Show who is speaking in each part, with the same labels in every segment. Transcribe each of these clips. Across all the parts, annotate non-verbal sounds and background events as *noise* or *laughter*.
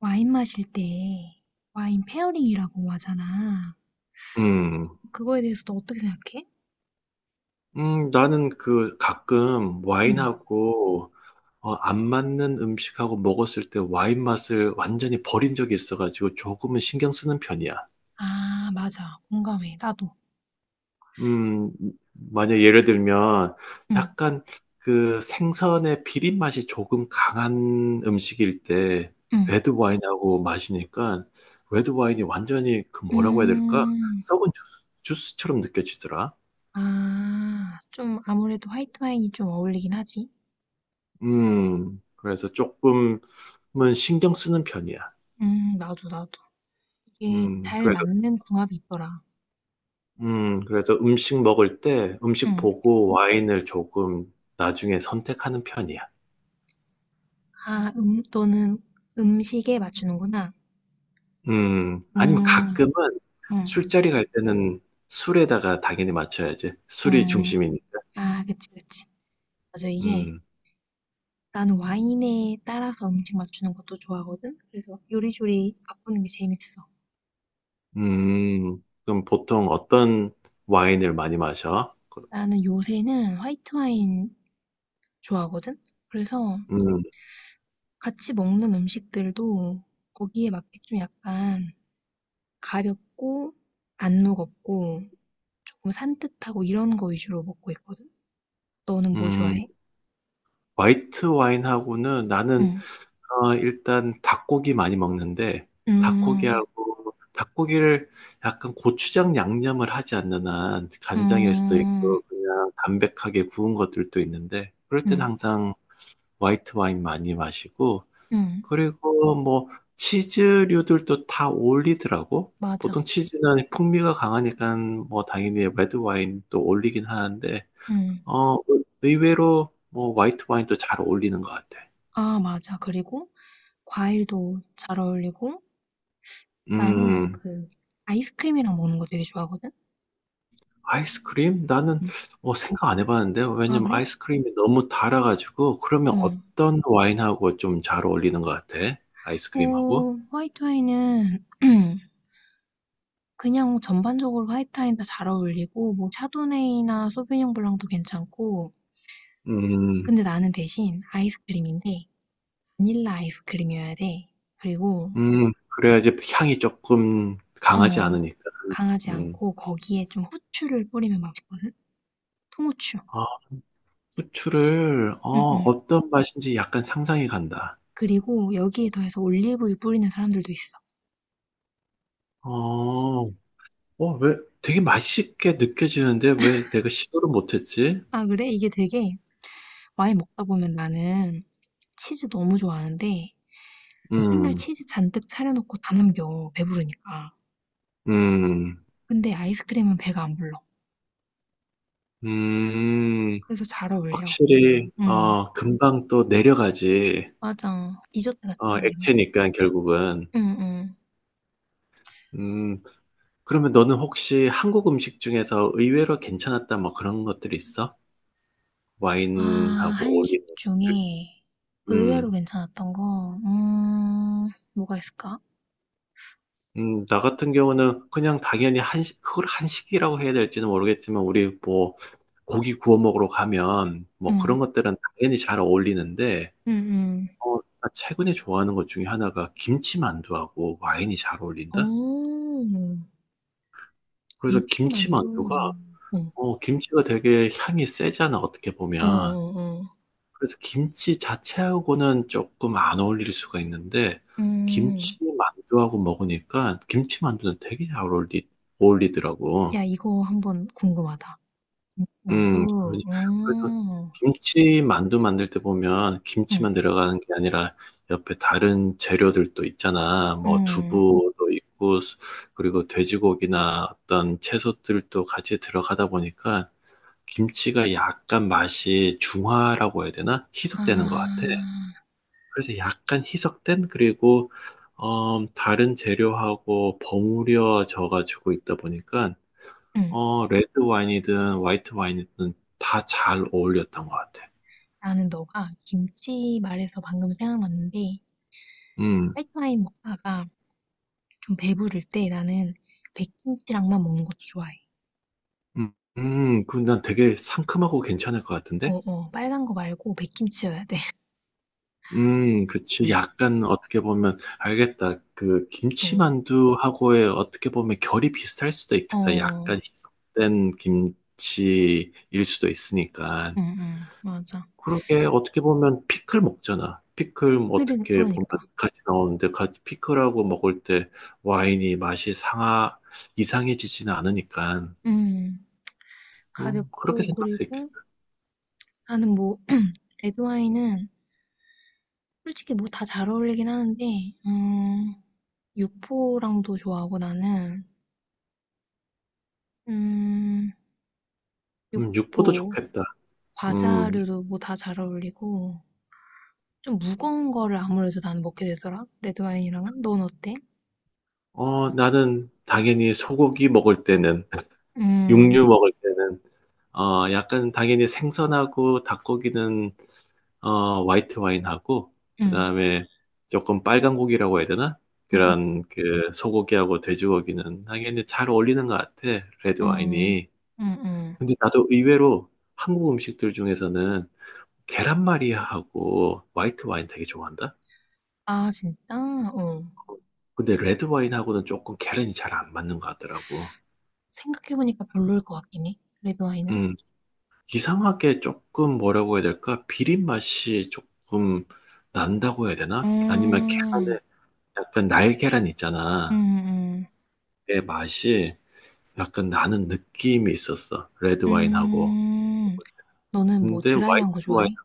Speaker 1: 와인 마실 때 와인 페어링이라고 하잖아.
Speaker 2: 음.
Speaker 1: 그거에 대해서 너 어떻게 생각해?
Speaker 2: 나는 그 가끔
Speaker 1: 응.
Speaker 2: 와인하고 안 맞는 음식하고 먹었을 때 와인 맛을 완전히 버린 적이 있어 가지고 조금은 신경 쓰는 편이야.
Speaker 1: 아, 맞아. 공감해. 나도.
Speaker 2: 음 만약 예를 들면
Speaker 1: 응,
Speaker 2: 약간 그 생선의 비린 맛이 조금 강한 음식일 때
Speaker 1: 응.
Speaker 2: 레드 와인하고 마시니까 레드 와인이 완전히 그 뭐라고 해야 될까?
Speaker 1: 음,
Speaker 2: 썩은 주스처럼 느껴지더라.
Speaker 1: 아, 좀 아무래도 화이트 와인이 좀 어울리긴 하지.
Speaker 2: 그래서 조금은 신경 쓰는 편이야.
Speaker 1: 나도, 나도. 이게
Speaker 2: 음,
Speaker 1: 잘
Speaker 2: 그래서,
Speaker 1: 맞는 궁합이 있더라.
Speaker 2: 그래서 음식 먹을 때 음식
Speaker 1: 응.
Speaker 2: 보고 와인을 조금 나중에 선택하는 편이야.
Speaker 1: 아, 너는 음식에 맞추는구나.
Speaker 2: 아니면
Speaker 1: 음,
Speaker 2: 가끔은
Speaker 1: 음,
Speaker 2: 술자리 갈 때는 술에다가 당연히 맞춰야지. 술이
Speaker 1: 음.
Speaker 2: 중심이니까.
Speaker 1: 아, 그치, 그치. 맞아, 이게
Speaker 2: 음,
Speaker 1: 나는 와인에 따라서 음식 맞추는 것도 좋아하거든? 그래서 요리조리 바꾸는 게 재밌어.
Speaker 2: 그럼 보통 어떤 와인을 많이 마셔?
Speaker 1: 나는 요새는 화이트 와인 좋아하거든? 그래서
Speaker 2: 음,
Speaker 1: 같이 먹는 음식들도 거기에 맞게 좀 약간 가볍고 안 무겁고 조금 산뜻하고 이런 거 위주로 먹고 있거든? 너는 뭐
Speaker 2: 음.
Speaker 1: 좋아해?
Speaker 2: 화이트 와인하고는 나는
Speaker 1: 응,
Speaker 2: 일단 닭고기 많이 먹는데
Speaker 1: 음,
Speaker 2: 닭고기하고 닭고기를 약간 고추장 양념을 하지 않는 한 간장일 수도
Speaker 1: 음,
Speaker 2: 있고 그냥 담백하게 구운 것들도 있는데 그럴 땐
Speaker 1: 음,
Speaker 2: 항상 화이트 와인 많이 마시고
Speaker 1: 음,
Speaker 2: 그리고 뭐 치즈류들도 다 어울리더라고.
Speaker 1: 맞아.
Speaker 2: 보통 치즈는 풍미가 강하니까 뭐 당연히 레드 와인도 어울리긴 하는데
Speaker 1: 음,
Speaker 2: 그 의외로 뭐 화이트 와인도 잘 어울리는 것 같아.
Speaker 1: 아, 맞아. 그리고 과일도 잘 어울리고 나는
Speaker 2: 음,
Speaker 1: 그 아이스크림이랑 먹는 거 되게 좋아하거든?
Speaker 2: 아이스크림? 나는
Speaker 1: 응.
Speaker 2: 생각 안 해봤는데
Speaker 1: 아,
Speaker 2: 왜냐면
Speaker 1: 그래?
Speaker 2: 아이스크림이 너무 달아가지고 그러면
Speaker 1: 어.
Speaker 2: 어떤 와인하고 좀 잘 어울리는 것 같아? 아이스크림하고?
Speaker 1: 뭐, 화이트 와인은 *clears throat* 그냥 전반적으로 화이트 와인 다 잘 어울리고, 뭐, 샤도네이나 소비뇽 블랑도 괜찮고,
Speaker 2: 음,
Speaker 1: 근데 나는 대신 아이스크림인데, 바닐라 아이스크림이어야 돼. 그리고,
Speaker 2: 그래야지 향이 조금 강하지
Speaker 1: 어,
Speaker 2: 않으니까.
Speaker 1: 강하지
Speaker 2: 음.
Speaker 1: 않고, 거기에 좀 후추를 뿌리면 맛있거든? 통후추.
Speaker 2: 아, 후추를
Speaker 1: 응, 응.
Speaker 2: 어떤 맛인지 약간 상상이 간다.
Speaker 1: 그리고 여기에 더해서 올리브유 뿌리는 사람들도 있어.
Speaker 2: 어, 어, 왜 되게 맛있게 느껴지는데 왜 내가 시도를 못했지?
Speaker 1: 아, 그래? 이게 되게 와인 먹다 보면 나는 치즈 너무 좋아하는데 맨날
Speaker 2: 음.
Speaker 1: 치즈 잔뜩 차려놓고 다 남겨. 배부르니까.
Speaker 2: 음.
Speaker 1: 근데 아이스크림은 배가 안 불러.
Speaker 2: 음,
Speaker 1: 그래서 잘 어울려.
Speaker 2: 확실히,
Speaker 1: 응,
Speaker 2: 금방 또 내려가지.
Speaker 1: 맞아. 디저트 같잖아, 그냥.
Speaker 2: 액체니까 결국은.
Speaker 1: 응, 응.
Speaker 2: 음, 그러면 너는 혹시 한국 음식 중에서 의외로 괜찮았다 뭐 그런 것들이 있어?
Speaker 1: 아,
Speaker 2: 와인하고
Speaker 1: 한식
Speaker 2: 어울리는 것들.
Speaker 1: 중에 의외로
Speaker 2: 음,
Speaker 1: 괜찮았던 거, 뭐가 있을까?
Speaker 2: 나 같은 경우는 그냥 당연히 한식, 그걸 한식이라고 해야 될지는 모르겠지만 우리 뭐 고기 구워 먹으러 가면 뭐
Speaker 1: 응,
Speaker 2: 그런 것들은 당연히 잘 어울리는데
Speaker 1: 응, 응.
Speaker 2: 나 최근에 좋아하는 것 중에 하나가 김치만두하고 와인이 잘 어울린다?
Speaker 1: 오,
Speaker 2: 그래서
Speaker 1: 김치만두.
Speaker 2: 김치만두가,
Speaker 1: 어,
Speaker 2: 김치가 되게 향이 세잖아, 어떻게
Speaker 1: 어,
Speaker 2: 보면.
Speaker 1: 어. 어.
Speaker 2: 그래서 김치 자체하고는 조금 안 어울릴 수가 있는데,
Speaker 1: 음,
Speaker 2: 김치만두하고 먹으니까 김치만두는 되게 잘 어울리더라고.
Speaker 1: 야, 이거 한번 궁금하다.
Speaker 2: 음, 그-
Speaker 1: 만두.
Speaker 2: 그래서
Speaker 1: 음.
Speaker 2: 김치 만두 만들 때 보면
Speaker 1: 응.
Speaker 2: 김치만 들어가는 게 아니라 옆에 다른 재료들도 있잖아. 뭐
Speaker 1: 응.
Speaker 2: 두부도 있고 그리고 돼지고기나 어떤 채소들도 같이 들어가다 보니까 김치가 약간 맛이 중화라고 해야 되나? 희석되는 것 같아.
Speaker 1: 아.
Speaker 2: 그래서 약간 희석된 그리고 다른 재료하고 버무려져 가지고 있다 보니까
Speaker 1: 응.
Speaker 2: 레드 와인이든 화이트 와인이든 다 잘 어울렸던 것 같아.
Speaker 1: 나는 너가 김치 말해서 방금 생각났는데
Speaker 2: 음,
Speaker 1: 화이트와인 먹다가 좀 배부를 때 나는 백김치랑만 먹는 것도 좋아해.
Speaker 2: 음, 그럼 난 되게 상큼하고 괜찮을 것 같은데?
Speaker 1: 어어. 빨간 거 말고 백김치여야 돼. *laughs* 응.
Speaker 2: 그치. 약간 어떻게 보면, 알겠다. 그 김치만두하고의 어떻게 보면 결이 비슷할 수도
Speaker 1: 어.
Speaker 2: 있겠다.
Speaker 1: 어.
Speaker 2: 약간 희석된 김치일 수도 있으니까.
Speaker 1: 응, 응. 맞아.
Speaker 2: 그러게 어떻게 보면 피클 먹잖아. 피클 뭐
Speaker 1: 그래,
Speaker 2: 어떻게 보면
Speaker 1: 그러니까.
Speaker 2: 같이 나오는데 같이 피클하고 먹을 때 와인이 맛이 상하 이상해지지는 않으니까
Speaker 1: 음.
Speaker 2: 그렇게
Speaker 1: 가볍고
Speaker 2: 생각할 수 있겠다.
Speaker 1: 그리고 나는 뭐 *clears throat* 레드와인은 솔직히 뭐 다 잘 어울리긴 하는데 음. 육포랑도 좋아하고 나는 음,
Speaker 2: 육포도
Speaker 1: 육포,
Speaker 2: 좋겠다. 음,
Speaker 1: 과자류도 뭐 다 잘 어울리고 좀 무거운 거를 아무래도 나는 먹게 되더라. 레드 와인이랑은. 넌 어때?
Speaker 2: 나는 당연히 소고기 먹을 때는 *laughs* 육류
Speaker 1: 음,
Speaker 2: 먹을 때는 약간 당연히 생선하고 닭고기는 화이트 와인하고
Speaker 1: 음,
Speaker 2: 그다음에 조금 빨간 고기라고 해야 되나?
Speaker 1: 음,
Speaker 2: 그런 그 소고기하고 돼지고기는 당연히 잘 어울리는 것 같아. 레드
Speaker 1: 음, 음,
Speaker 2: 와인이.
Speaker 1: 음, 음.
Speaker 2: 근데 나도 의외로 한국 음식들 중에서는 계란말이하고 화이트 와인 되게 좋아한다.
Speaker 1: 아, 진짜? 어.
Speaker 2: 근데 레드 와인하고는 조금 계란이 잘 안 맞는 것 같더라고.
Speaker 1: 생각해보니까 별로일 것 같긴 해. 레드 와인은.
Speaker 2: 음. 이상하게 조금 뭐라고 해야 될까? 비린 맛이 조금 난다고 해야 되나? 아니면
Speaker 1: 음,
Speaker 2: 계란에 약간 날계란
Speaker 1: 음,
Speaker 2: 있잖아.
Speaker 1: 음,
Speaker 2: 그 맛이 약간 나는 느낌이 있었어. 레드 와인하고.
Speaker 1: 음. 너는 뭐
Speaker 2: 근데 화이트
Speaker 1: 드라이한 거
Speaker 2: 와인
Speaker 1: 좋아해?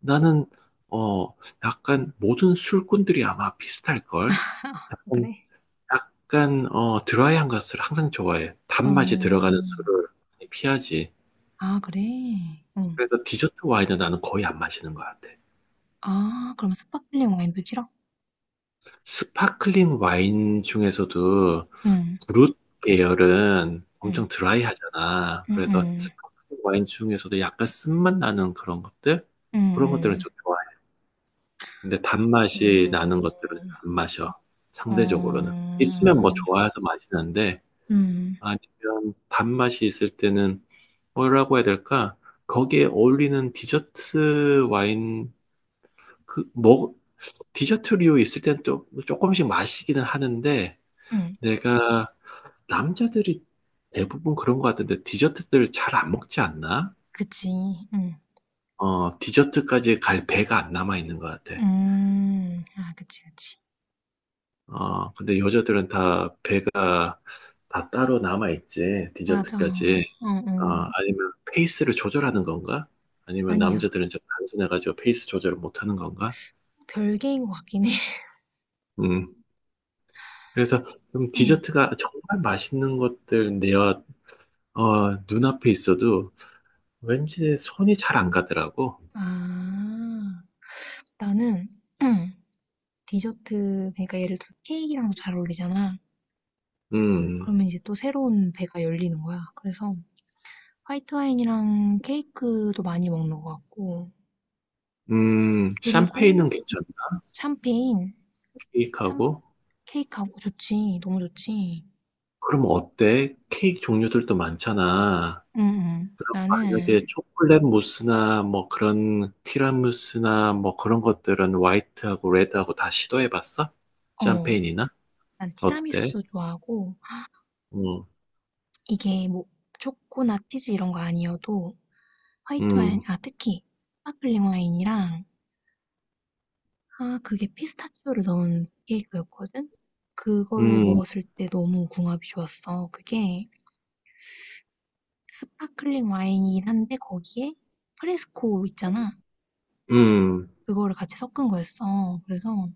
Speaker 2: 나는 어 약간 모든 술꾼들이 아마 비슷할걸?
Speaker 1: 아,
Speaker 2: 약간
Speaker 1: 그래?
Speaker 2: 약간 드라이한 것을 항상 좋아해. 단맛이 들어가는
Speaker 1: 어,
Speaker 2: 술을 많이 피하지.
Speaker 1: 아, 그래? 응.
Speaker 2: 그래서 디저트 와인은 나는 거의 안 마시는 것 같아.
Speaker 1: 아 그럼 스파클링 와인도 싫어?
Speaker 2: 스파클링 와인 중에서도
Speaker 1: 응.
Speaker 2: 브룻 계열은
Speaker 1: 응.
Speaker 2: 엄청 드라이하잖아. 그래서
Speaker 1: 응응.
Speaker 2: 스파클링 와인 중에서도 약간 쓴맛 나는 그런 것들? 그런 것들은
Speaker 1: 응응.
Speaker 2: 좀 좋아해. 근데 단맛이 나는
Speaker 1: 음.
Speaker 2: 것들은 안 마셔.
Speaker 1: 어.
Speaker 2: 상대적으로는.
Speaker 1: 응
Speaker 2: 있으면 뭐 좋아해서 마시는데,
Speaker 1: 응.
Speaker 2: 아니면 단맛이 있을 때는 뭐라고 해야 될까? 거기에 어울리는 디저트 와인, 그, 뭐, 디저트류 있을 때는 또 조금씩 마시기는 하는데,
Speaker 1: 응, 응,
Speaker 2: 내가 남자들이 대부분 그런 것 같은데 디저트들 잘 안 먹지 않나?
Speaker 1: 그치. 응.
Speaker 2: 디저트까지 갈 배가 안 남아 있는 것 같아.
Speaker 1: 음. 아 그치 그치.
Speaker 2: 근데 여자들은 다 배가 다 따로 남아 있지.
Speaker 1: 맞아.
Speaker 2: 디저트까지.
Speaker 1: 응응.
Speaker 2: 아니면 페이스를 조절하는 건가? 아니면
Speaker 1: 아니야.
Speaker 2: 남자들은 좀 단순해가지고 페이스 조절을 못 하는 건가?
Speaker 1: 별개인 것 같긴 해.
Speaker 2: 음. 그래서 좀
Speaker 1: *laughs* 응.
Speaker 2: 디저트가 정말 맛있는 것들 내 눈앞에 있어도 왠지 손이 잘 안 가더라고.
Speaker 1: 아. 나는 응. 디저트 그러니까 예를 들어 케이크랑도 잘 어울리잖아.
Speaker 2: 음.
Speaker 1: 그러면 이제 또 새로운 배가 열리는 거야. 그래서 화이트 와인이랑 케이크도 많이 먹는 것 같고,
Speaker 2: 샴페인은
Speaker 1: 그리고
Speaker 2: 괜찮아.
Speaker 1: 샴페인, 샴
Speaker 2: 케이크하고.
Speaker 1: 케이크하고 좋지. 너무 좋지.
Speaker 2: 그럼 어때? 케이크 종류들도 많잖아.
Speaker 1: 응, 응.
Speaker 2: 그럼 만약에
Speaker 1: 나는
Speaker 2: 초콜릿 무스나 뭐 그런 티라미수나 뭐 그런 것들은 화이트하고 레드하고 다 시도해봤어?
Speaker 1: 어,
Speaker 2: 샴페인이나?
Speaker 1: 난
Speaker 2: 어때?
Speaker 1: 티라미수 좋아하고
Speaker 2: 음,
Speaker 1: 이게 뭐 초코나 치즈 이런 거 아니어도 화이트 와인,
Speaker 2: 음,
Speaker 1: 아 특히 스파클링 와인이랑 아 그게 피스타치오를 넣은 케이크였거든. 그걸
Speaker 2: 음,
Speaker 1: 먹었을 때 너무 궁합이 좋았어. 그게 스파클링 와인이긴 한데 거기에 프레스코 있잖아.
Speaker 2: 음.
Speaker 1: 그거를 같이 섞은 거였어. 그래서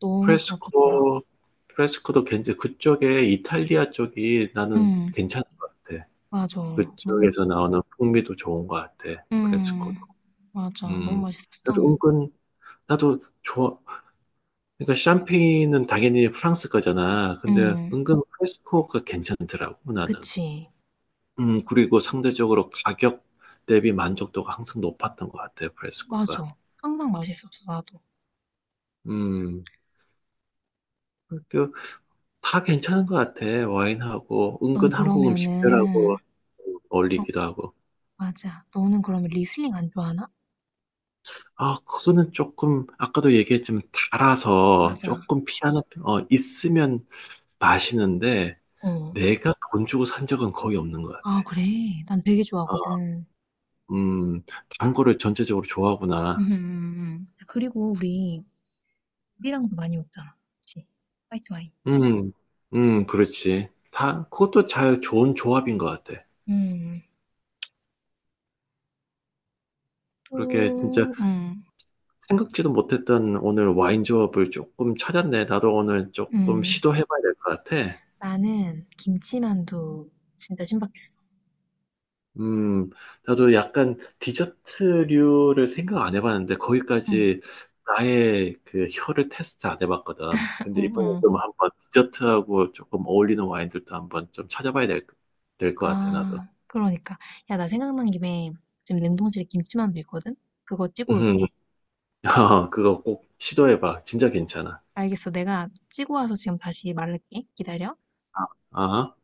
Speaker 1: 너무 궁합 좋더라.
Speaker 2: 프레스코, 프레스코도 그쪽에 이탈리아 쪽이 나는
Speaker 1: 응,
Speaker 2: 괜찮은 것 같아.
Speaker 1: 맞아. 너무,
Speaker 2: 그쪽에서 나오는 풍미도 좋은 것 같아.
Speaker 1: 응,
Speaker 2: 프레스코도.
Speaker 1: 맞아. 너무
Speaker 2: 음,
Speaker 1: 맛있었어.
Speaker 2: 나도 은근, 나도 좋아. 그러니까 샴페인은 당연히 프랑스 거잖아. 근데
Speaker 1: 응,
Speaker 2: 은근 프레스코가 괜찮더라고, 나는.
Speaker 1: 그치.
Speaker 2: 그리고 상대적으로 가격 대비 만족도가 항상 높았던 것 같아, 프레스코가.
Speaker 1: 맞아. 항상 맛있었어, 나도.
Speaker 2: 음, 그, 다 괜찮은 것 같아, 와인하고.
Speaker 1: 넌
Speaker 2: 은근 한국 음식들하고
Speaker 1: 그러면은, 어,
Speaker 2: 어울리기도 하고.
Speaker 1: 맞아. 너는 그러면 리슬링 안 좋아하나?
Speaker 2: 아, 그거는 조금, 아까도 얘기했지만, 달아서
Speaker 1: 맞아.
Speaker 2: 조금 있으면 마시는데,
Speaker 1: 어.
Speaker 2: 내가 돈 주고 산 적은 거의 없는 것 같아.
Speaker 1: 아, 그래. 난 되게
Speaker 2: 아,
Speaker 1: 좋아하거든.
Speaker 2: 음, 단 거를 전체적으로
Speaker 1: 음,
Speaker 2: 좋아하구나.
Speaker 1: 음, 그리고 우리랑도 많이 먹잖아. 그치? 화이트 와인.
Speaker 2: 음, 그렇지. 다, 그것도 잘 좋은 조합인 것 같아.
Speaker 1: 음,
Speaker 2: 그렇게 진짜
Speaker 1: 또,
Speaker 2: 생각지도 못했던 오늘 와인 조합을 조금 찾았네. 나도 오늘 조금
Speaker 1: 음.
Speaker 2: 시도해봐야 될 것 같아.
Speaker 1: 나는 김치만두 진짜 신박했어.
Speaker 2: 음, 나도 약간 디저트류를 생각 안 해봤는데,
Speaker 1: 응,
Speaker 2: 거기까지 나의 그 혀를 테스트 안 해봤거든.
Speaker 1: 어,
Speaker 2: 근데 이번에
Speaker 1: 어.
Speaker 2: 좀 한번 디저트하고 조금 어울리는 와인들도 한번 좀 찾아봐야 될 것 같아, 나도.
Speaker 1: 아, 그러니까. 야, 나 생각난 김에 지금 냉동실에 김치만두 있거든? 그거 찌고
Speaker 2: 음,
Speaker 1: 올게.
Speaker 2: *laughs* 그거 꼭 시도해봐. 진짜 괜찮아.
Speaker 1: 알겠어. 내가 찌고 와서 지금 다시 말할게. 기다려.
Speaker 2: 아, 아.